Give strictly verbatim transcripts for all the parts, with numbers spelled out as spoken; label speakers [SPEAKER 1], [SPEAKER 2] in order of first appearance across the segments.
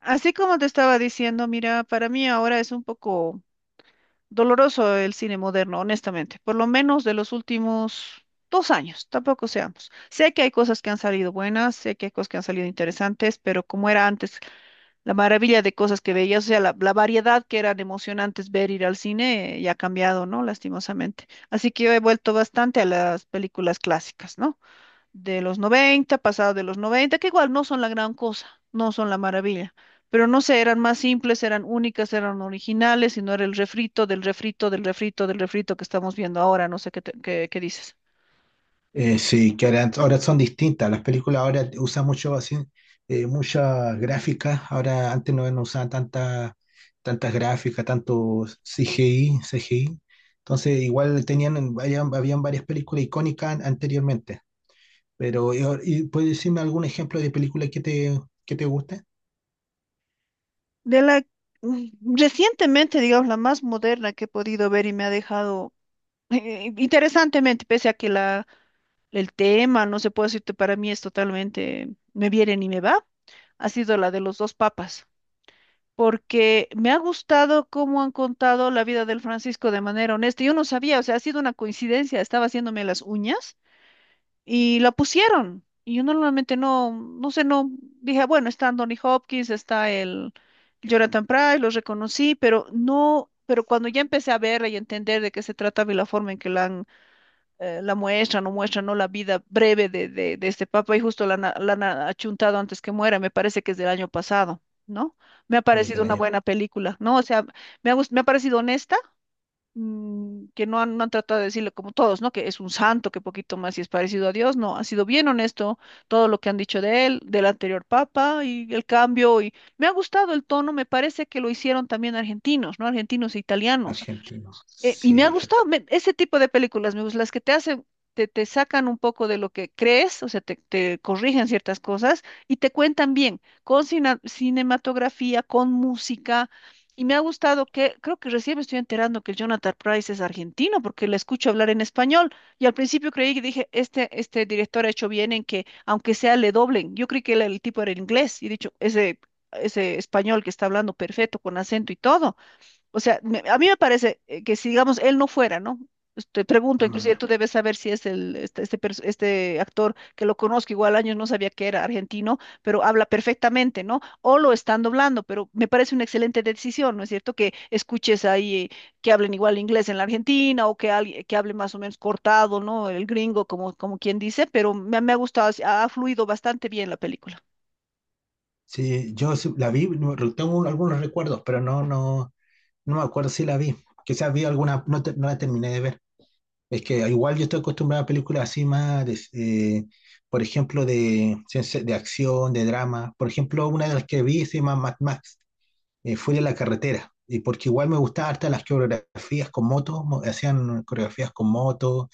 [SPEAKER 1] Así como te estaba diciendo, mira, para mí ahora es un poco doloroso el cine moderno, honestamente, por lo menos de los últimos dos años, tampoco seamos. Sé que hay cosas que han salido buenas, sé que hay cosas que han salido interesantes, pero como era antes, la maravilla de cosas que veías, o sea, la, la variedad que eran emocionantes ver ir al cine, eh, ya ha cambiado, ¿no? Lastimosamente. Así que yo he vuelto bastante a las películas clásicas, ¿no? De los noventa, pasados de los noventa, que igual no son la gran cosa, no son la maravilla, pero no sé, eran más simples, eran únicas, eran originales y no era el refrito del refrito del refrito del refrito que estamos viendo ahora, no sé qué, te- qué, qué dices.
[SPEAKER 2] Eh, sí, que ahora, ahora son distintas. Las películas ahora usan mucho así, eh, muchas gráficas. Ahora antes no, no usaban tanta, tantas gráficas, tanto C G I, C G I. Entonces igual tenían, habían, habían varias películas icónicas an- anteriormente. Pero, y, ahora- y ¿puedes decirme algún ejemplo de película que te, que te guste?
[SPEAKER 1] De la mm, recientemente, digamos, la más moderna que he podido ver y me ha dejado eh, interesantemente, pese a que la, el tema, no se puede decirte, para mí es totalmente, me viene y me va, ha sido la de los dos papas. Porque me ha gustado cómo han contado la vida del Francisco de manera honesta. Yo no sabía, o sea, ha sido una coincidencia, estaba haciéndome las uñas y la pusieron. Y yo normalmente no, no sé, no, dije, bueno, está Anthony Hopkins, está el Jonathan Pryce, los reconocí, pero no, pero cuando ya empecé a verla y entender de qué se trataba y la forma en que la han, eh, la muestran o muestran, ¿no? La vida breve de, de, de este papa y justo la, han- la han achuntado antes que muera, me parece que es del año pasado, ¿no? Me ha
[SPEAKER 2] Eh,
[SPEAKER 1] parecido
[SPEAKER 2] del
[SPEAKER 1] una
[SPEAKER 2] año
[SPEAKER 1] buena película, ¿no? O sea, me ha, gust- me ha parecido honesta, mm, que no han, no han tratado de decirle como todos, ¿no? Que es un santo, que poquito más y es parecido a Dios. No, ha sido bien honesto todo lo que han dicho de él, del anterior papa y el cambio, y me ha gustado el tono. Me parece que lo hicieron también argentinos, ¿no? Argentinos e italianos.
[SPEAKER 2] argentino.
[SPEAKER 1] Eh, y me
[SPEAKER 2] Sí,
[SPEAKER 1] ha gustado
[SPEAKER 2] argentino.
[SPEAKER 1] me- ese tipo de películas, me gustan las que te hacen, te, te sacan un poco de lo que crees, o sea, te, te corrigen ciertas cosas y te cuentan bien, con cina- cinematografía, con música. Y me ha gustado que, creo que recién me estoy enterando que el Jonathan Price es argentino, porque le escucho hablar en español. Y al principio creí que dije, este, este director ha hecho bien en que, aunque sea, le doblen. Yo creí que el, el tipo era inglés y he dicho, ese, ese español que está hablando perfecto, con acento y todo. O sea, me- a mí me parece eh, que si, digamos, él no fuera, ¿no? Pues, te pregunto, inclusive tú debes saber si es el, este, este, pers- este actor que lo conozco. Igual, años no sabía que era argentino, pero habla perfectamente, ¿no? O lo están doblando, pero me parece una excelente decisión, ¿no es cierto? Que escuches ahí eh, que hablen igual inglés en la Argentina o que alguien que hable más o menos cortado, ¿no? El gringo, como, como quien dice. Pero me, me ha gustado, ha fluido bastante bien la película.
[SPEAKER 2] Sí, yo sí la vi, no- tengo algunos recuerdos, pero no, no, no me acuerdo si la vi. Quizás vi alguna, no, te- no la terminé de ver. Es que igual yo estoy acostumbrado a películas así más, de- eh, por ejemplo, de, ciencia- de acción, de drama. Por ejemplo, una de las que vi se llama Mad Max eh, fuera de la carretera, y porque igual me gustaba harta las coreografías con motos, mo- hacían coreografías con motos,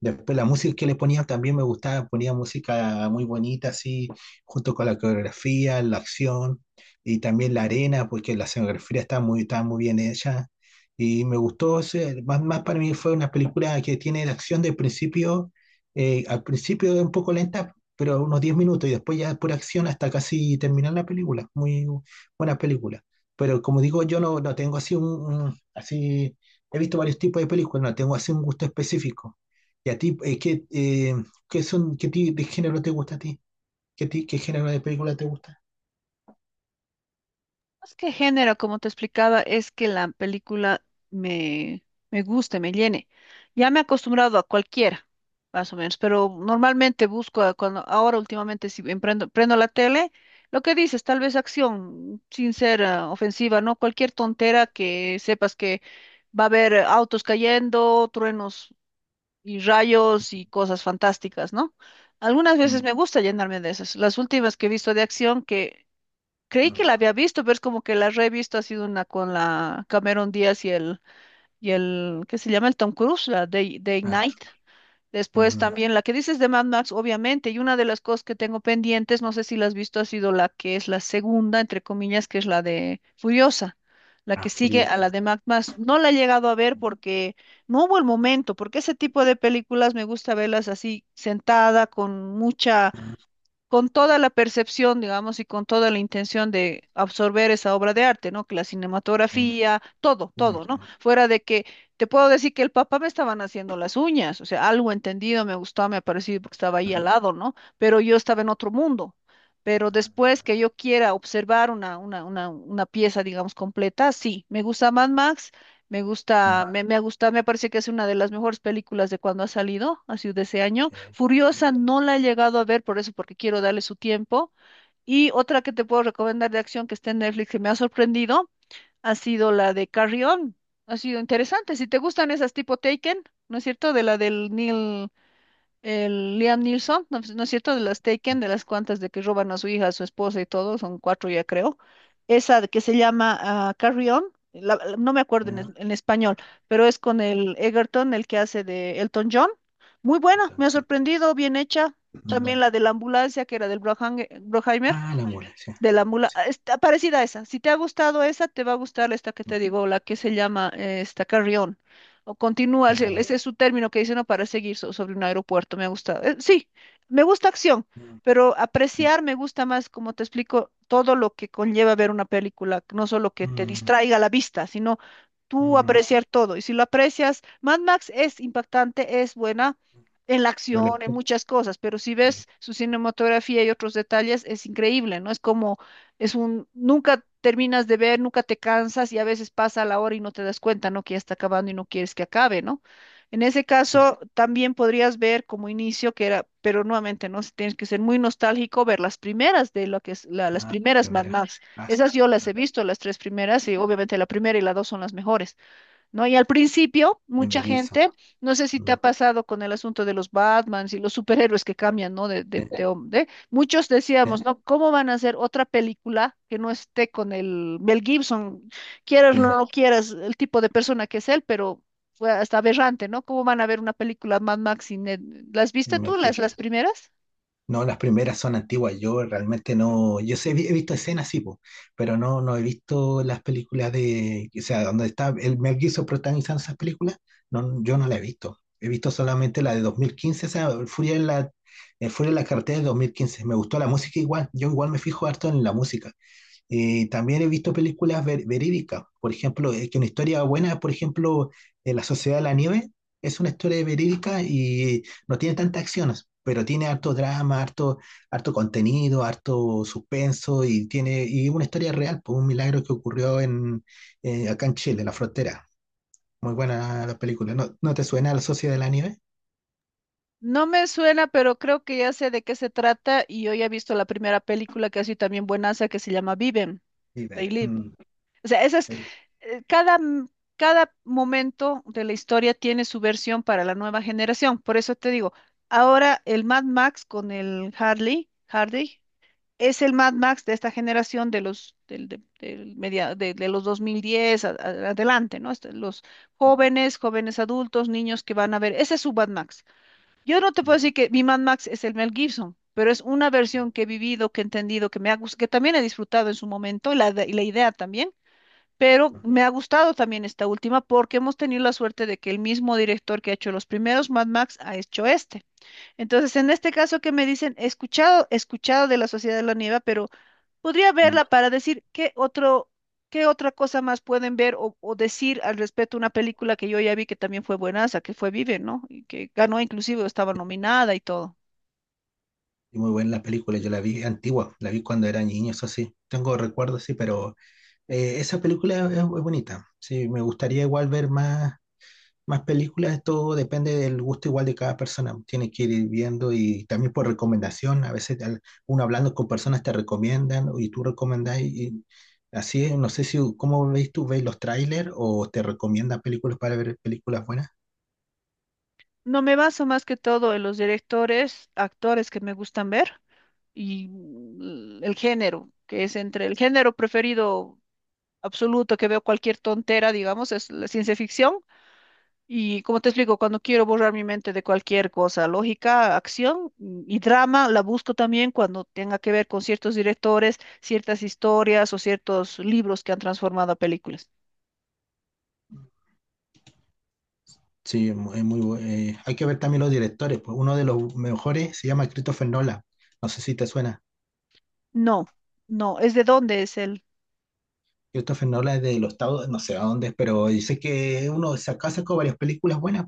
[SPEAKER 2] después la música que le ponían también me gustaba, ponía música muy bonita así, junto con la coreografía, la acción, y también la arena, porque la escenografía estaba muy, estaba muy bien hecha, y me gustó, ese- más, más para mí fue una película que tiene la acción del principio, eh, al principio es un poco lenta, pero unos diez minutos, y después ya por acción hasta casi terminar la película, muy buena película. Pero como digo, yo no, no tengo así un, un- así, he visto varios tipos de películas, no tengo así un gusto específico. ¿Y a ti, eh, qué, eh, qué son, qué tipo de género te gusta a ti? ¿Qué, ti- qué género de película te gusta?
[SPEAKER 1] Más que género, como te explicaba, es que la película me, me guste, me llene. Ya me he acostumbrado a cualquiera, más o menos, pero normalmente busco, a cuando ahora últimamente si emprendo- prendo la tele, lo que dices, tal vez acción, sin ser ah, ofensiva, ¿no? Cualquier tontera que sepas que va a haber eh, autos cayendo, truenos y rayos y cosas fantásticas, ¿no? Algunas veces
[SPEAKER 2] Mm,
[SPEAKER 1] me gusta llenarme de esas. Las últimas que he visto de acción que creí que
[SPEAKER 2] mm,
[SPEAKER 1] la había visto, pero es como que la revisto, ha sido una con la Cameron Díaz y el, y el, ¿qué se llama? El Tom Cruise, la de de
[SPEAKER 2] ah, está.
[SPEAKER 1] Ignite. Después
[SPEAKER 2] Ajá.
[SPEAKER 1] también la que dices de Mad Max, obviamente, y una de las cosas que tengo pendientes, no sé si la has visto, ha sido la que es la segunda, entre comillas, que es la de Furiosa, la
[SPEAKER 2] Ah,
[SPEAKER 1] que sigue a
[SPEAKER 2] Furiosa.
[SPEAKER 1] la de Mad Max. No la he llegado a ver porque no hubo el momento, porque ese tipo de películas me gusta verlas así sentada, con mucha,
[SPEAKER 2] Ah,
[SPEAKER 1] con toda la percepción, digamos, y con toda la intención de absorber esa obra de arte, ¿no? Que la
[SPEAKER 2] ya,
[SPEAKER 1] cinematografía, todo,
[SPEAKER 2] ya,
[SPEAKER 1] todo, ¿no?
[SPEAKER 2] ya,
[SPEAKER 1] Fuera de que te puedo decir que el papá me estaban haciendo las uñas, o sea, algo entendido, me gustó, me ha parecido porque estaba ahí al
[SPEAKER 2] ah,
[SPEAKER 1] lado, ¿no? Pero yo estaba en otro mundo. Pero después que yo quiera observar una, una, una, una pieza, digamos, completa, sí, me gusta Mad Max. Me gusta,
[SPEAKER 2] ah,
[SPEAKER 1] me, me ha gustado, me parece que es una de las mejores películas de cuando ha salido, así, de ese año.
[SPEAKER 2] sí.
[SPEAKER 1] Furiosa no la he llegado a ver por eso, porque quiero darle su tiempo. Y otra que te puedo recomendar de acción que está en Netflix que me ha sorprendido, ha sido la de Carrion. Ha sido interesante. Si te gustan esas tipo Taken, ¿no es cierto? De la del Neil. El Liam Neeson, ¿no, no es cierto? De las Taken, de las cuantas de que roban a su hija, a su esposa y todo, son cuatro ya creo. Esa de que se llama ah, Carry On, la- la- no me acuerdo en, es-
[SPEAKER 2] Ah,
[SPEAKER 1] en español, pero es con el Egerton, el que hace de Elton John. Muy buena, me ha
[SPEAKER 2] tanto.
[SPEAKER 1] sorprendido, bien hecha. También
[SPEAKER 2] Mm.
[SPEAKER 1] la de la ambulancia, que era del Brohang- Broheimer,
[SPEAKER 2] Ah, la mula, sí.
[SPEAKER 1] de la mula.
[SPEAKER 2] Sí,
[SPEAKER 1] Ah, está parecida a esa. Si te ha gustado esa, te va a gustar esta que
[SPEAKER 2] me
[SPEAKER 1] te digo, la que se llama eh, esta, Carrión. O Continúa, ese
[SPEAKER 2] carrera.
[SPEAKER 1] ese es su término que dice, ¿no?, para seguir so- sobre un aeropuerto. Me ha gustado. Eh, sí, me gusta acción,
[SPEAKER 2] Mm,
[SPEAKER 1] pero
[SPEAKER 2] sí,
[SPEAKER 1] apreciar me gusta más, como te explico, todo lo que conlleva ver una película, no solo que te
[SPEAKER 2] mm,
[SPEAKER 1] distraiga la vista, sino tú
[SPEAKER 2] mm.
[SPEAKER 1] apreciar todo. Y si lo aprecias, Mad Max es impactante, es buena, en la
[SPEAKER 2] Pero la
[SPEAKER 1] acción, en muchas cosas, pero si ves su cinematografía y otros detalles, es increíble, ¿no? Es como, es un, nunca terminas de ver, nunca te cansas y a veces pasa la hora y no te das cuenta, ¿no?, que ya está acabando y no quieres que acabe, ¿no? En ese
[SPEAKER 2] sí.
[SPEAKER 1] caso, también podrías ver como inicio que era, pero nuevamente, ¿no? Si tienes que ser muy nostálgico, ver las primeras de lo que es, la- las
[SPEAKER 2] Ah, la
[SPEAKER 1] primeras Mad
[SPEAKER 2] primera.
[SPEAKER 1] Max.
[SPEAKER 2] Ah, sí,
[SPEAKER 1] Esas yo las
[SPEAKER 2] ah,
[SPEAKER 1] he visto, las tres primeras, y obviamente la primera y la dos son las mejores, ¿no? Y al principio,
[SPEAKER 2] de
[SPEAKER 1] mucha
[SPEAKER 2] Melissa.
[SPEAKER 1] gente, no sé si te ha
[SPEAKER 2] Mm,
[SPEAKER 1] pasado con el asunto de los Batmans y los superhéroes que cambian, ¿no? De, de,
[SPEAKER 2] Sí,
[SPEAKER 1] de, hom- de- muchos
[SPEAKER 2] sí,
[SPEAKER 1] decíamos, ¿no?, ¿cómo van a hacer otra película que no esté con el Mel Gibson? Quieras o no
[SPEAKER 2] sí,
[SPEAKER 1] quieras, el tipo de persona que es él, pero fue hasta aberrante, ¿no? ¿Cómo van a ver una película Mad Max sin él? ¿Las
[SPEAKER 2] sí,
[SPEAKER 1] viste
[SPEAKER 2] me
[SPEAKER 1] tú, las,
[SPEAKER 2] dijiste.
[SPEAKER 1] las primeras?
[SPEAKER 2] No, las primeras son antiguas. Yo realmente no. Yo sé, he visto escenas, sí, po, pero no, no he visto las películas de. O sea, donde está el Mel Gibson protagonizando esas películas. No, yo no la he visto. He visto solamente la de dos mil quince, o sea, Furia en la, eh, Furia en la carretera de dos mil quince. Me gustó la música igual. Yo igual me fijo harto en la música. Eh, también he visto películas ver- verídicas. Por ejemplo, eh, que una historia buena, por ejemplo, eh, La Sociedad de la Nieve es una historia verídica y no tiene tantas acciones, pero tiene harto drama, harto, harto contenido, harto suspenso y tiene y una historia real, pues, un milagro que ocurrió en, eh, acá en Chile, en la frontera. Muy buena la película. ¿No, no te suena La Sociedad de la Nieve?
[SPEAKER 1] No me suena, pero creo que ya sé de qué se trata, y yo ya he visto la primera película, que así también buenaza, que se llama Viven,
[SPEAKER 2] Sí, ve.
[SPEAKER 1] They Live.
[SPEAKER 2] Mm,
[SPEAKER 1] O sea, esa es,
[SPEAKER 2] ve.
[SPEAKER 1] eh, cada, m- cada momento de la historia tiene su versión para la nueva generación. Por eso te digo, ahora el Mad Max con el Harley, Hardy, es el Mad Max de esta generación, de los, del, de, del media- de, de los dos mil diez a- a- adelante, ¿no? Este, los jóvenes, jóvenes, adultos, niños que van a ver, ese es su Mad Max. Yo no te puedo decir que mi Mad Max es el Mel Gibson, pero es una versión que he vivido, que he entendido, que me ha gustado, que también he disfrutado en su momento, y la, de- y la idea también, pero me ha gustado también esta última porque hemos tenido la suerte de que el mismo director que ha hecho los primeros Mad Max ha hecho este. Entonces, en este caso que me dicen, he escuchado, he escuchado de la Sociedad de la Nieve, pero podría
[SPEAKER 2] Mm.
[SPEAKER 1] verla para decir qué otro, qué otra cosa más pueden ver o, o decir al respecto a una película que yo ya vi que también fue buenaza, que fue Vive, ¿no? Y que ganó, inclusive, o estaba nominada y todo.
[SPEAKER 2] Y muy buena la película, yo la vi antigua, la vi cuando era niño, eso sí. Tengo recuerdos, sí, pero Eh, esa película es, es bonita. Sí, me gustaría igual ver más, más películas. Todo depende del gusto igual de cada persona. Tiene que ir viendo y también por recomendación. A veces al- uno hablando con personas te recomiendan y tú recomendás y, y así es. No sé si cómo veis tú, veis los trailers o te recomiendan películas para ver películas buenas.
[SPEAKER 1] No me baso más que todo en los directores, actores que me gustan ver. Y mm, el género, que es, entre el género preferido absoluto que veo cualquier tontera, digamos, es la ciencia ficción. Y como te explico, cuando quiero borrar mi mente de cualquier cosa, lógica, acción, mm, y drama, la busco también cuando tenga que ver con ciertos directores, ciertas historias o ciertos libros que han transformado a películas.
[SPEAKER 2] Sí, es mu- es muy, bu- eh, hay que ver también los directores. Pues uno de los mejores se llama Christopher Nolan. No sé si te suena.
[SPEAKER 1] No, no, es de dónde es el...
[SPEAKER 2] Christopher Nolan es de los Estados, no sé a dónde, es, pero dice que uno saca sacó varias películas buenas.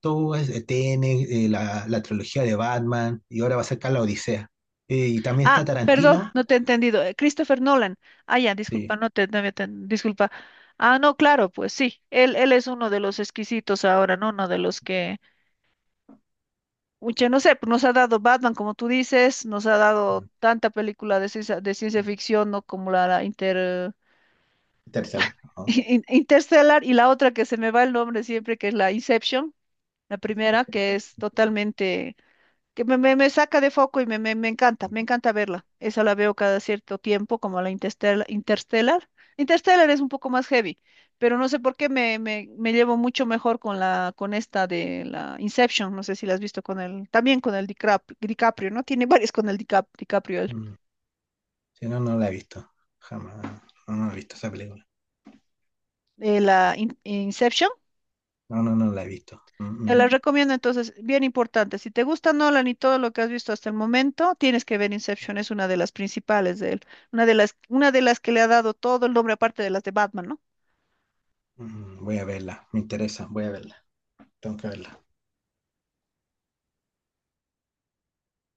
[SPEAKER 2] Todo es eh, T N eh, la, la trilogía de Batman, y ahora va a sacar La Odisea. Eh, y también está
[SPEAKER 1] Ah, perdón,
[SPEAKER 2] Tarantino.
[SPEAKER 1] no te he entendido. eh, Christopher Nolan. Ah, ya,
[SPEAKER 2] Sí,
[SPEAKER 1] disculpa, no te, no había ten- disculpa. Ah, no, claro, pues sí. Él, él es uno de los exquisitos ahora, ¿no? Uno de los que, mucha, no sé, pues nos ha dado Batman, como tú dices, nos ha dado
[SPEAKER 2] mm,
[SPEAKER 1] tanta película de ciencia, de ciencia ficción, ¿no? Como la, la Inter,
[SPEAKER 2] Interstellar. ¿No?
[SPEAKER 1] in- Interstellar, y la otra que se me va el nombre siempre, que es la Inception, la
[SPEAKER 2] Sí.
[SPEAKER 1] primera, que es totalmente, que me, me, me saca de foco y me, me, me encanta, me encanta verla. Esa la veo cada cierto tiempo, como la Interstellar. Interstellar. Interstellar es un poco más heavy, pero no sé por qué me, me, me llevo mucho mejor con la, con esta de la Inception. No sé si la has visto, con el, también con el DiCrap- DiCaprio, ¿no? Tiene varias con el DiCap- DiCaprio, el,
[SPEAKER 2] Mm, sí, no, no la he visto. Jamás. No, no he visto esa película.
[SPEAKER 1] eh, la In- Inception.
[SPEAKER 2] No, no, no la he visto. Mm,
[SPEAKER 1] Te
[SPEAKER 2] mm,
[SPEAKER 1] las recomiendo, entonces. Bien importante. Si te gusta Nolan y todo lo que has visto hasta el momento, tienes que ver Inception. Es una de las principales de él, una de las, una de las que le ha dado todo el nombre, aparte de las de Batman, ¿no?
[SPEAKER 2] mm, voy a verla. Me interesa. Voy a verla. Tengo que verla.